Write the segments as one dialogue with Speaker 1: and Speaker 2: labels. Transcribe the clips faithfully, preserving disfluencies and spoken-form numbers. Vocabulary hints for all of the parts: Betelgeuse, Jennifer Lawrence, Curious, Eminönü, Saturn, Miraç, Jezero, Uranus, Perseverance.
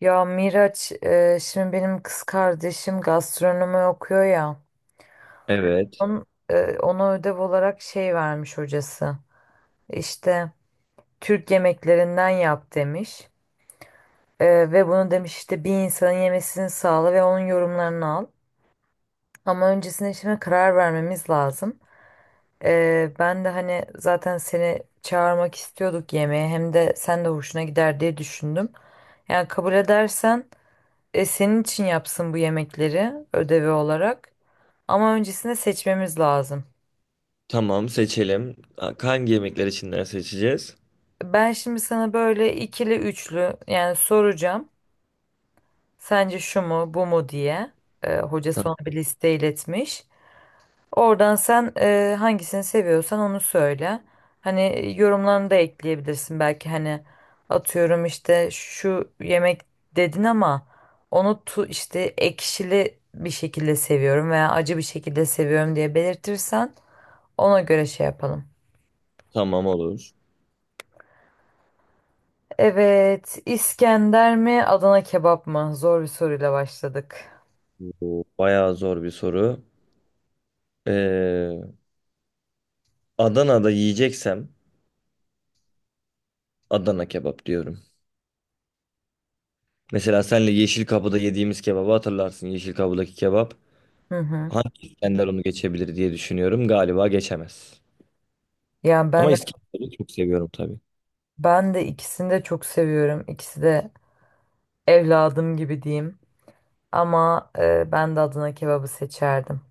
Speaker 1: Ya Miraç, e, şimdi benim kız kardeşim gastronomi okuyor ya.
Speaker 2: Evet.
Speaker 1: Onun, e, ona ödev olarak şey vermiş hocası. İşte Türk yemeklerinden yap demiş. E, ve bunu demiş işte bir insanın yemesini sağla ve onun yorumlarını al. Ama öncesinde şimdi karar vermemiz lazım. E, ben de hani zaten seni çağırmak istiyorduk yemeğe. Hem de sen de hoşuna gider diye düşündüm. Yani kabul edersen. E, senin için yapsın bu yemekleri ödevi olarak. Ama öncesinde seçmemiz lazım.
Speaker 2: Tamam seçelim. Ha, hangi yemekler içinden seçeceğiz?
Speaker 1: Ben şimdi sana böyle ikili üçlü yani soracağım. Sence şu mu bu mu diye. E, hoca
Speaker 2: Tamam,
Speaker 1: son bir liste iletmiş. Oradan sen e, hangisini seviyorsan onu söyle. Hani yorumlarını da ekleyebilirsin belki hani atıyorum işte şu yemek dedin ama onu tu işte ekşili bir şekilde seviyorum veya acı bir şekilde seviyorum diye belirtirsen ona göre şey yapalım.
Speaker 2: tamam olur.
Speaker 1: Evet, İskender mi, Adana kebap mı? Zor bir soruyla başladık.
Speaker 2: Bu bayağı zor bir soru. Ee, Adana'da yiyeceksem Adana kebap diyorum. Mesela senle Yeşil Kapı'da yediğimiz kebabı hatırlarsın. Yeşil Kapı'daki kebap.
Speaker 1: Hı hı.
Speaker 2: Hangi İskender onu geçebilir diye düşünüyorum. Galiba geçemez.
Speaker 1: Yani ben
Speaker 2: Ama
Speaker 1: de,
Speaker 2: İskender'i çok seviyorum tabii.
Speaker 1: ben de ikisini de çok seviyorum. İkisi de evladım gibi diyeyim. Ama e, ben de Adana kebabı seçerdim.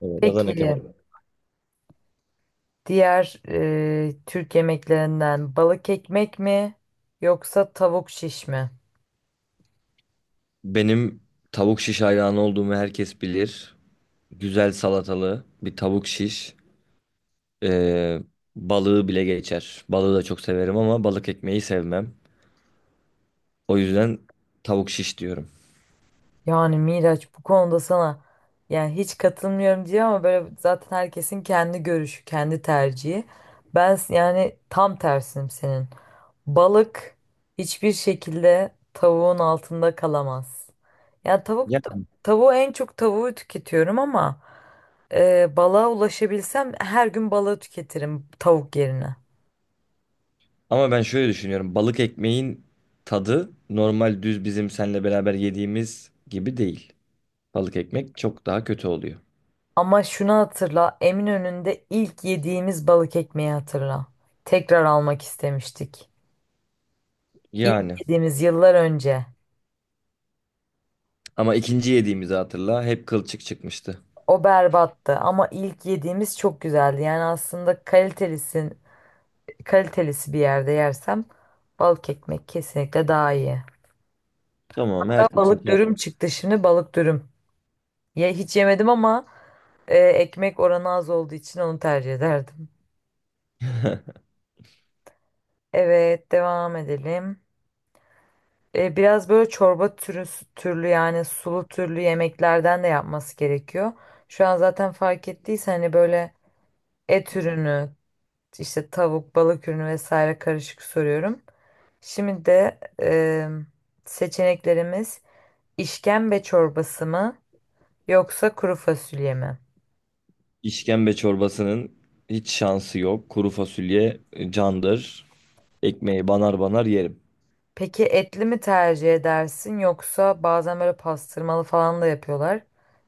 Speaker 2: Evet,
Speaker 1: Peki,
Speaker 2: Adana kebap.
Speaker 1: diğer e, Türk yemeklerinden balık ekmek mi yoksa tavuk şiş mi?
Speaker 2: Benim tavuk şiş hayranı olduğumu herkes bilir. Güzel salatalı bir tavuk şiş. Ee, balığı bile geçer. Balığı da çok severim ama balık ekmeği sevmem. O yüzden tavuk şiş diyorum.
Speaker 1: Yani Miraç bu konuda sana yani hiç katılmıyorum diyor ama böyle zaten herkesin kendi görüşü, kendi tercihi. Ben s- yani tam tersinim senin. Balık hiçbir şekilde tavuğun altında kalamaz. Yani tavuk
Speaker 2: Ya,
Speaker 1: tavuğu en çok tavuğu tüketiyorum ama e, balığa ulaşabilsem her gün balığı tüketirim tavuk yerine.
Speaker 2: ama ben şöyle düşünüyorum. Balık ekmeğin tadı normal düz bizim seninle beraber yediğimiz gibi değil. Balık ekmek çok daha kötü oluyor.
Speaker 1: Ama şunu hatırla, Eminönü'nde ilk yediğimiz balık ekmeği hatırla. Tekrar almak istemiştik.
Speaker 2: Yani.
Speaker 1: İlk yediğimiz yıllar önce
Speaker 2: Ama ikinci yediğimizi hatırla. Hep kılçık çıkmıştı.
Speaker 1: o berbattı ama ilk yediğimiz çok güzeldi. Yani aslında kalitelisin, kalitelisi bir yerde yersem balık ekmek kesinlikle daha iyi.
Speaker 2: Tamam,
Speaker 1: Hatta
Speaker 2: herkesin
Speaker 1: balık
Speaker 2: kendi-
Speaker 1: dürüm çıktı şimdi balık dürüm. Ya hiç yemedim ama e, ekmek oranı az olduğu için onu tercih ederdim. Evet devam edelim. E, biraz böyle çorba türü, türlü yani sulu türlü yemeklerden de yapması gerekiyor. Şu an zaten fark ettiysen hani böyle et ürünü, İşte tavuk, balık ürünü vesaire karışık soruyorum. Şimdi de e, seçeneklerimiz işkembe çorbası mı yoksa kuru fasulye mi?
Speaker 2: İşkembe çorbasının hiç şansı yok. Kuru fasulye e, candır. Ekmeği banar banar yerim.
Speaker 1: Peki etli mi tercih edersin yoksa bazen böyle pastırmalı falan da yapıyorlar.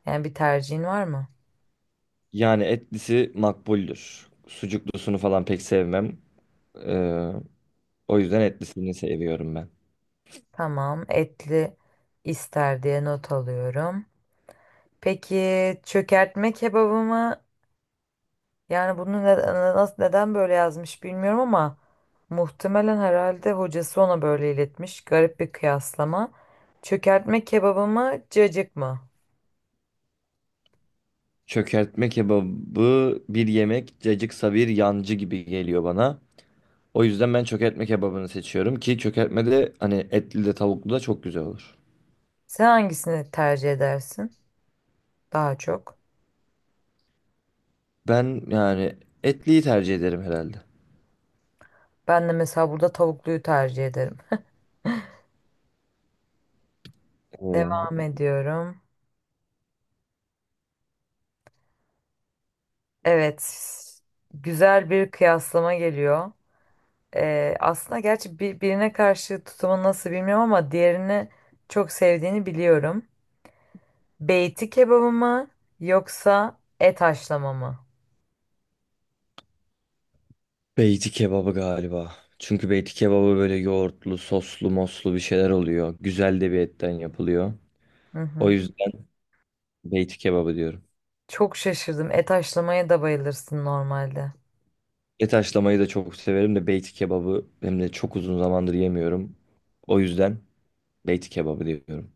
Speaker 1: Yani bir tercihin var mı?
Speaker 2: Yani etlisi makbuldür. Sucuklusunu falan pek sevmem. Ee, o yüzden etlisini seviyorum ben.
Speaker 1: Tamam, etli ister diye not alıyorum. Peki çökertme kebabı mı Yani bunu ne- nasıl neden böyle yazmış bilmiyorum ama muhtemelen herhalde hocası ona böyle iletmiş. Garip bir kıyaslama. Çökertme kebabı mı, cacık mı?
Speaker 2: Çökertme kebabı bir yemek, cacıksa bir yancı gibi geliyor bana. O yüzden ben çökertme kebabını seçiyorum ki çökertme de hani etli de tavuklu da çok güzel olur.
Speaker 1: Sen hangisini tercih edersin daha çok?
Speaker 2: Ben yani etliyi tercih ederim herhalde.
Speaker 1: Ben de mesela burada tavukluyu tercih ederim. Devam
Speaker 2: Ee,
Speaker 1: ediyorum. Evet, güzel bir kıyaslama geliyor. Ee, aslında gerçi bir, birine karşı tutumun nasıl bilmiyorum ama diğerini çok sevdiğini biliyorum. Beyti kebabı mı yoksa et haşlama mı?
Speaker 2: Beyti kebabı galiba. Çünkü beyti kebabı böyle yoğurtlu, soslu, moslu bir şeyler oluyor. Güzel de bir etten yapılıyor.
Speaker 1: Hı
Speaker 2: O
Speaker 1: hı.
Speaker 2: yüzden beyti kebabı diyorum.
Speaker 1: Çok şaşırdım. Et haşlamaya da bayılırsın normalde.
Speaker 2: Et haşlamayı da çok severim de beyti kebabı hem de çok uzun zamandır yemiyorum. O yüzden beyti kebabı diyorum.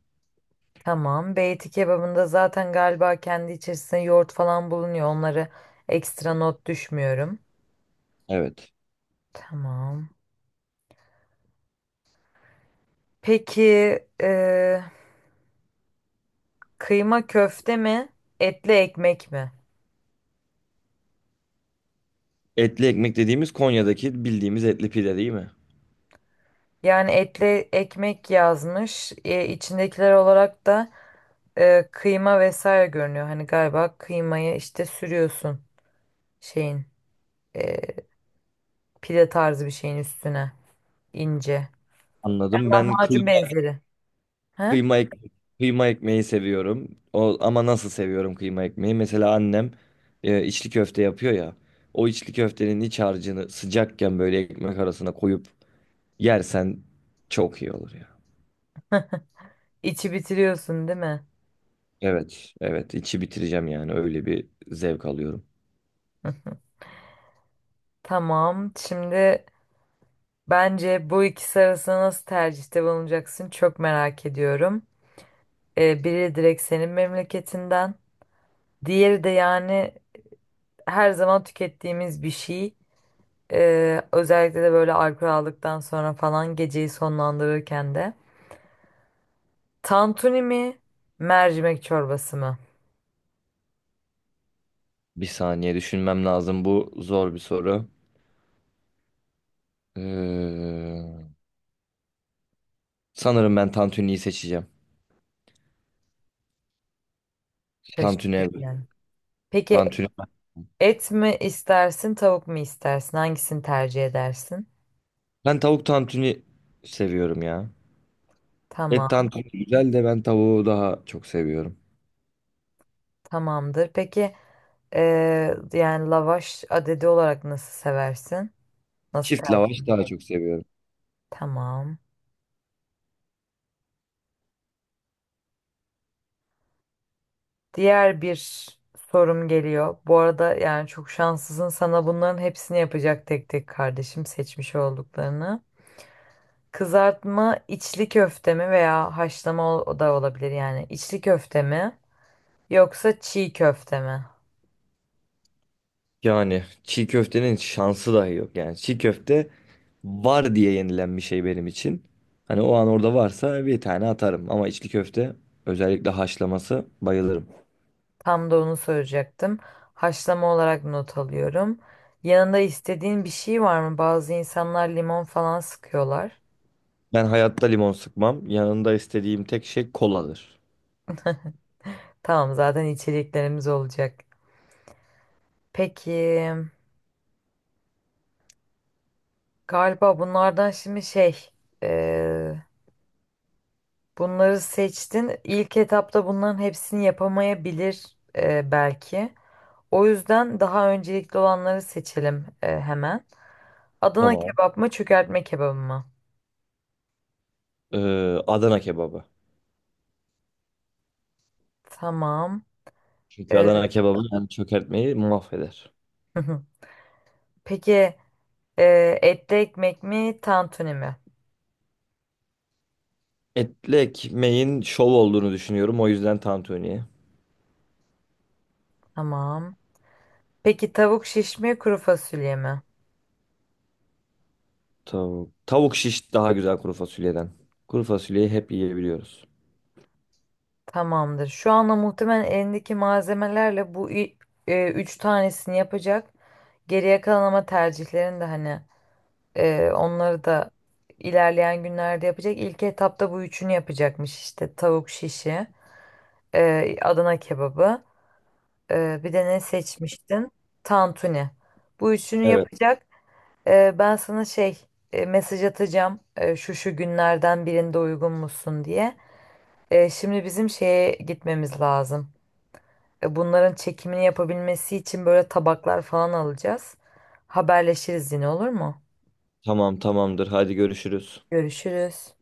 Speaker 1: Tamam. Beyti kebabında zaten galiba kendi içerisinde yoğurt falan bulunuyor. Onları ekstra not düşmüyorum.
Speaker 2: Evet.
Speaker 1: Tamam. Peki e, kıyma köfte mi? Etli ekmek mi?
Speaker 2: Etli ekmek dediğimiz Konya'daki bildiğimiz etli pide değil mi?
Speaker 1: Yani etli ekmek yazmış. E, içindekiler olarak da e, kıyma vesaire görünüyor. Hani galiba kıymayı işte sürüyorsun şeyin. e, Pide tarzı bir şeyin üstüne ince.
Speaker 2: Anladım. Ben
Speaker 1: Lahmacun
Speaker 2: kıyma,
Speaker 1: benzeri. He?
Speaker 2: kıyma, ek- Kıyma ekmeği seviyorum. O, ama nasıl seviyorum kıyma ekmeği? Mesela annem e, içli köfte yapıyor ya. O içli köftenin iç harcını sıcakken böyle ekmek arasına koyup yersen çok iyi olur ya.
Speaker 1: İçi bitiriyorsun değil mi?
Speaker 2: Evet, evet. içi bitireceğim yani. Öyle bir zevk alıyorum.
Speaker 1: Tamam. Şimdi bence bu ikisi arasında nasıl tercihte bulunacaksın çok merak ediyorum. E, biri direkt senin memleketinden. Diğeri de yani her zaman tükettiğimiz bir şey. E, özellikle de böyle alkol aldıktan sonra falan geceyi sonlandırırken de. Tantuni mi? Mercimek çorbası mı?
Speaker 2: Bir saniye düşünmem lazım. Bu zor bir soru. Ee, sanırım ben tantuniyi seçeceğim. Tantuni.
Speaker 1: Şaşırtıcı
Speaker 2: Evet.
Speaker 1: yani. Peki
Speaker 2: Tantuni.
Speaker 1: et mi istersin, tavuk mu istersin? Hangisini tercih edersin?
Speaker 2: Ben tavuk tantuni seviyorum ya. Et
Speaker 1: Tamam,
Speaker 2: tantuni güzel de ben tavuğu daha çok seviyorum.
Speaker 1: tamamdır. Peki eee, yani lavaş adedi olarak nasıl seversin? Nasıl
Speaker 2: Çift lavaş
Speaker 1: tercih?
Speaker 2: daha çok seviyorum.
Speaker 1: Tamam. Diğer bir sorum geliyor. Bu arada yani çok şanslısın. Sana bunların hepsini yapacak tek tek kardeşim seçmiş olduklarını. Kızartma içli köfte mi veya haşlama o o da olabilir yani. İçli köfte mi yoksa çiğ köfte mi?
Speaker 2: Yani çiğ köftenin şansı dahi yok. Yani çiğ köfte var diye yenilen bir şey benim için. Hani o an orada varsa bir tane atarım. Ama içli köfte özellikle haşlaması bayılırım.
Speaker 1: Tam da onu soracaktım. Haşlama olarak not alıyorum. Yanında istediğin bir şey var mı? Bazı insanlar limon falan sıkıyorlar.
Speaker 2: Ben hayatta limon sıkmam. Yanında istediğim tek şey koladır.
Speaker 1: Tamam zaten içeceklerimiz olacak. Peki galiba bunlardan şimdi şey eee, bunları seçtin. İlk etapta bunların hepsini yapamayabilir eee, belki. O yüzden daha öncelikli olanları seçelim eee, hemen. Adana
Speaker 2: Tamam.
Speaker 1: kebap mı çökertme kebabı mı?
Speaker 2: Ee, Adana kebabı.
Speaker 1: Tamam.
Speaker 2: Çünkü
Speaker 1: Eee,
Speaker 2: Adana kebabı yani çökertmeyi mahveder.
Speaker 1: Peki. Ee, etli ekmek mi, tantuni mi?
Speaker 2: Etli ekmeğin şov olduğunu düşünüyorum. O yüzden tantuniye.
Speaker 1: Tamam. Peki tavuk şiş mi, kuru fasulye mi?
Speaker 2: Tavuk. Tavuk şiş daha güzel kuru fasulyeden. Kuru fasulyeyi hep yiyebiliyoruz.
Speaker 1: Tamamdır. Şu anda muhtemelen elindeki malzemelerle bu i- e, üç tanesini yapacak. Geriye kalan ama tercihlerin de hani e, onları da ilerleyen günlerde yapacak. İlk etapta bu üçünü yapacakmış işte. Tavuk şişi, e, Adana kebabı, e, bir de ne seçmiştin? Tantuni. Bu üçünü
Speaker 2: Evet.
Speaker 1: yapacak. Ee, ben sana şey e, mesaj atacağım e, şu şu günlerden birinde uygun musun diye. E, şimdi bizim şeye gitmemiz lazım. E, bunların çekimini yapabilmesi için böyle tabaklar falan alacağız. Haberleşiriz yine olur mu?
Speaker 2: Tamam tamamdır. Hadi görüşürüz.
Speaker 1: Görüşürüz.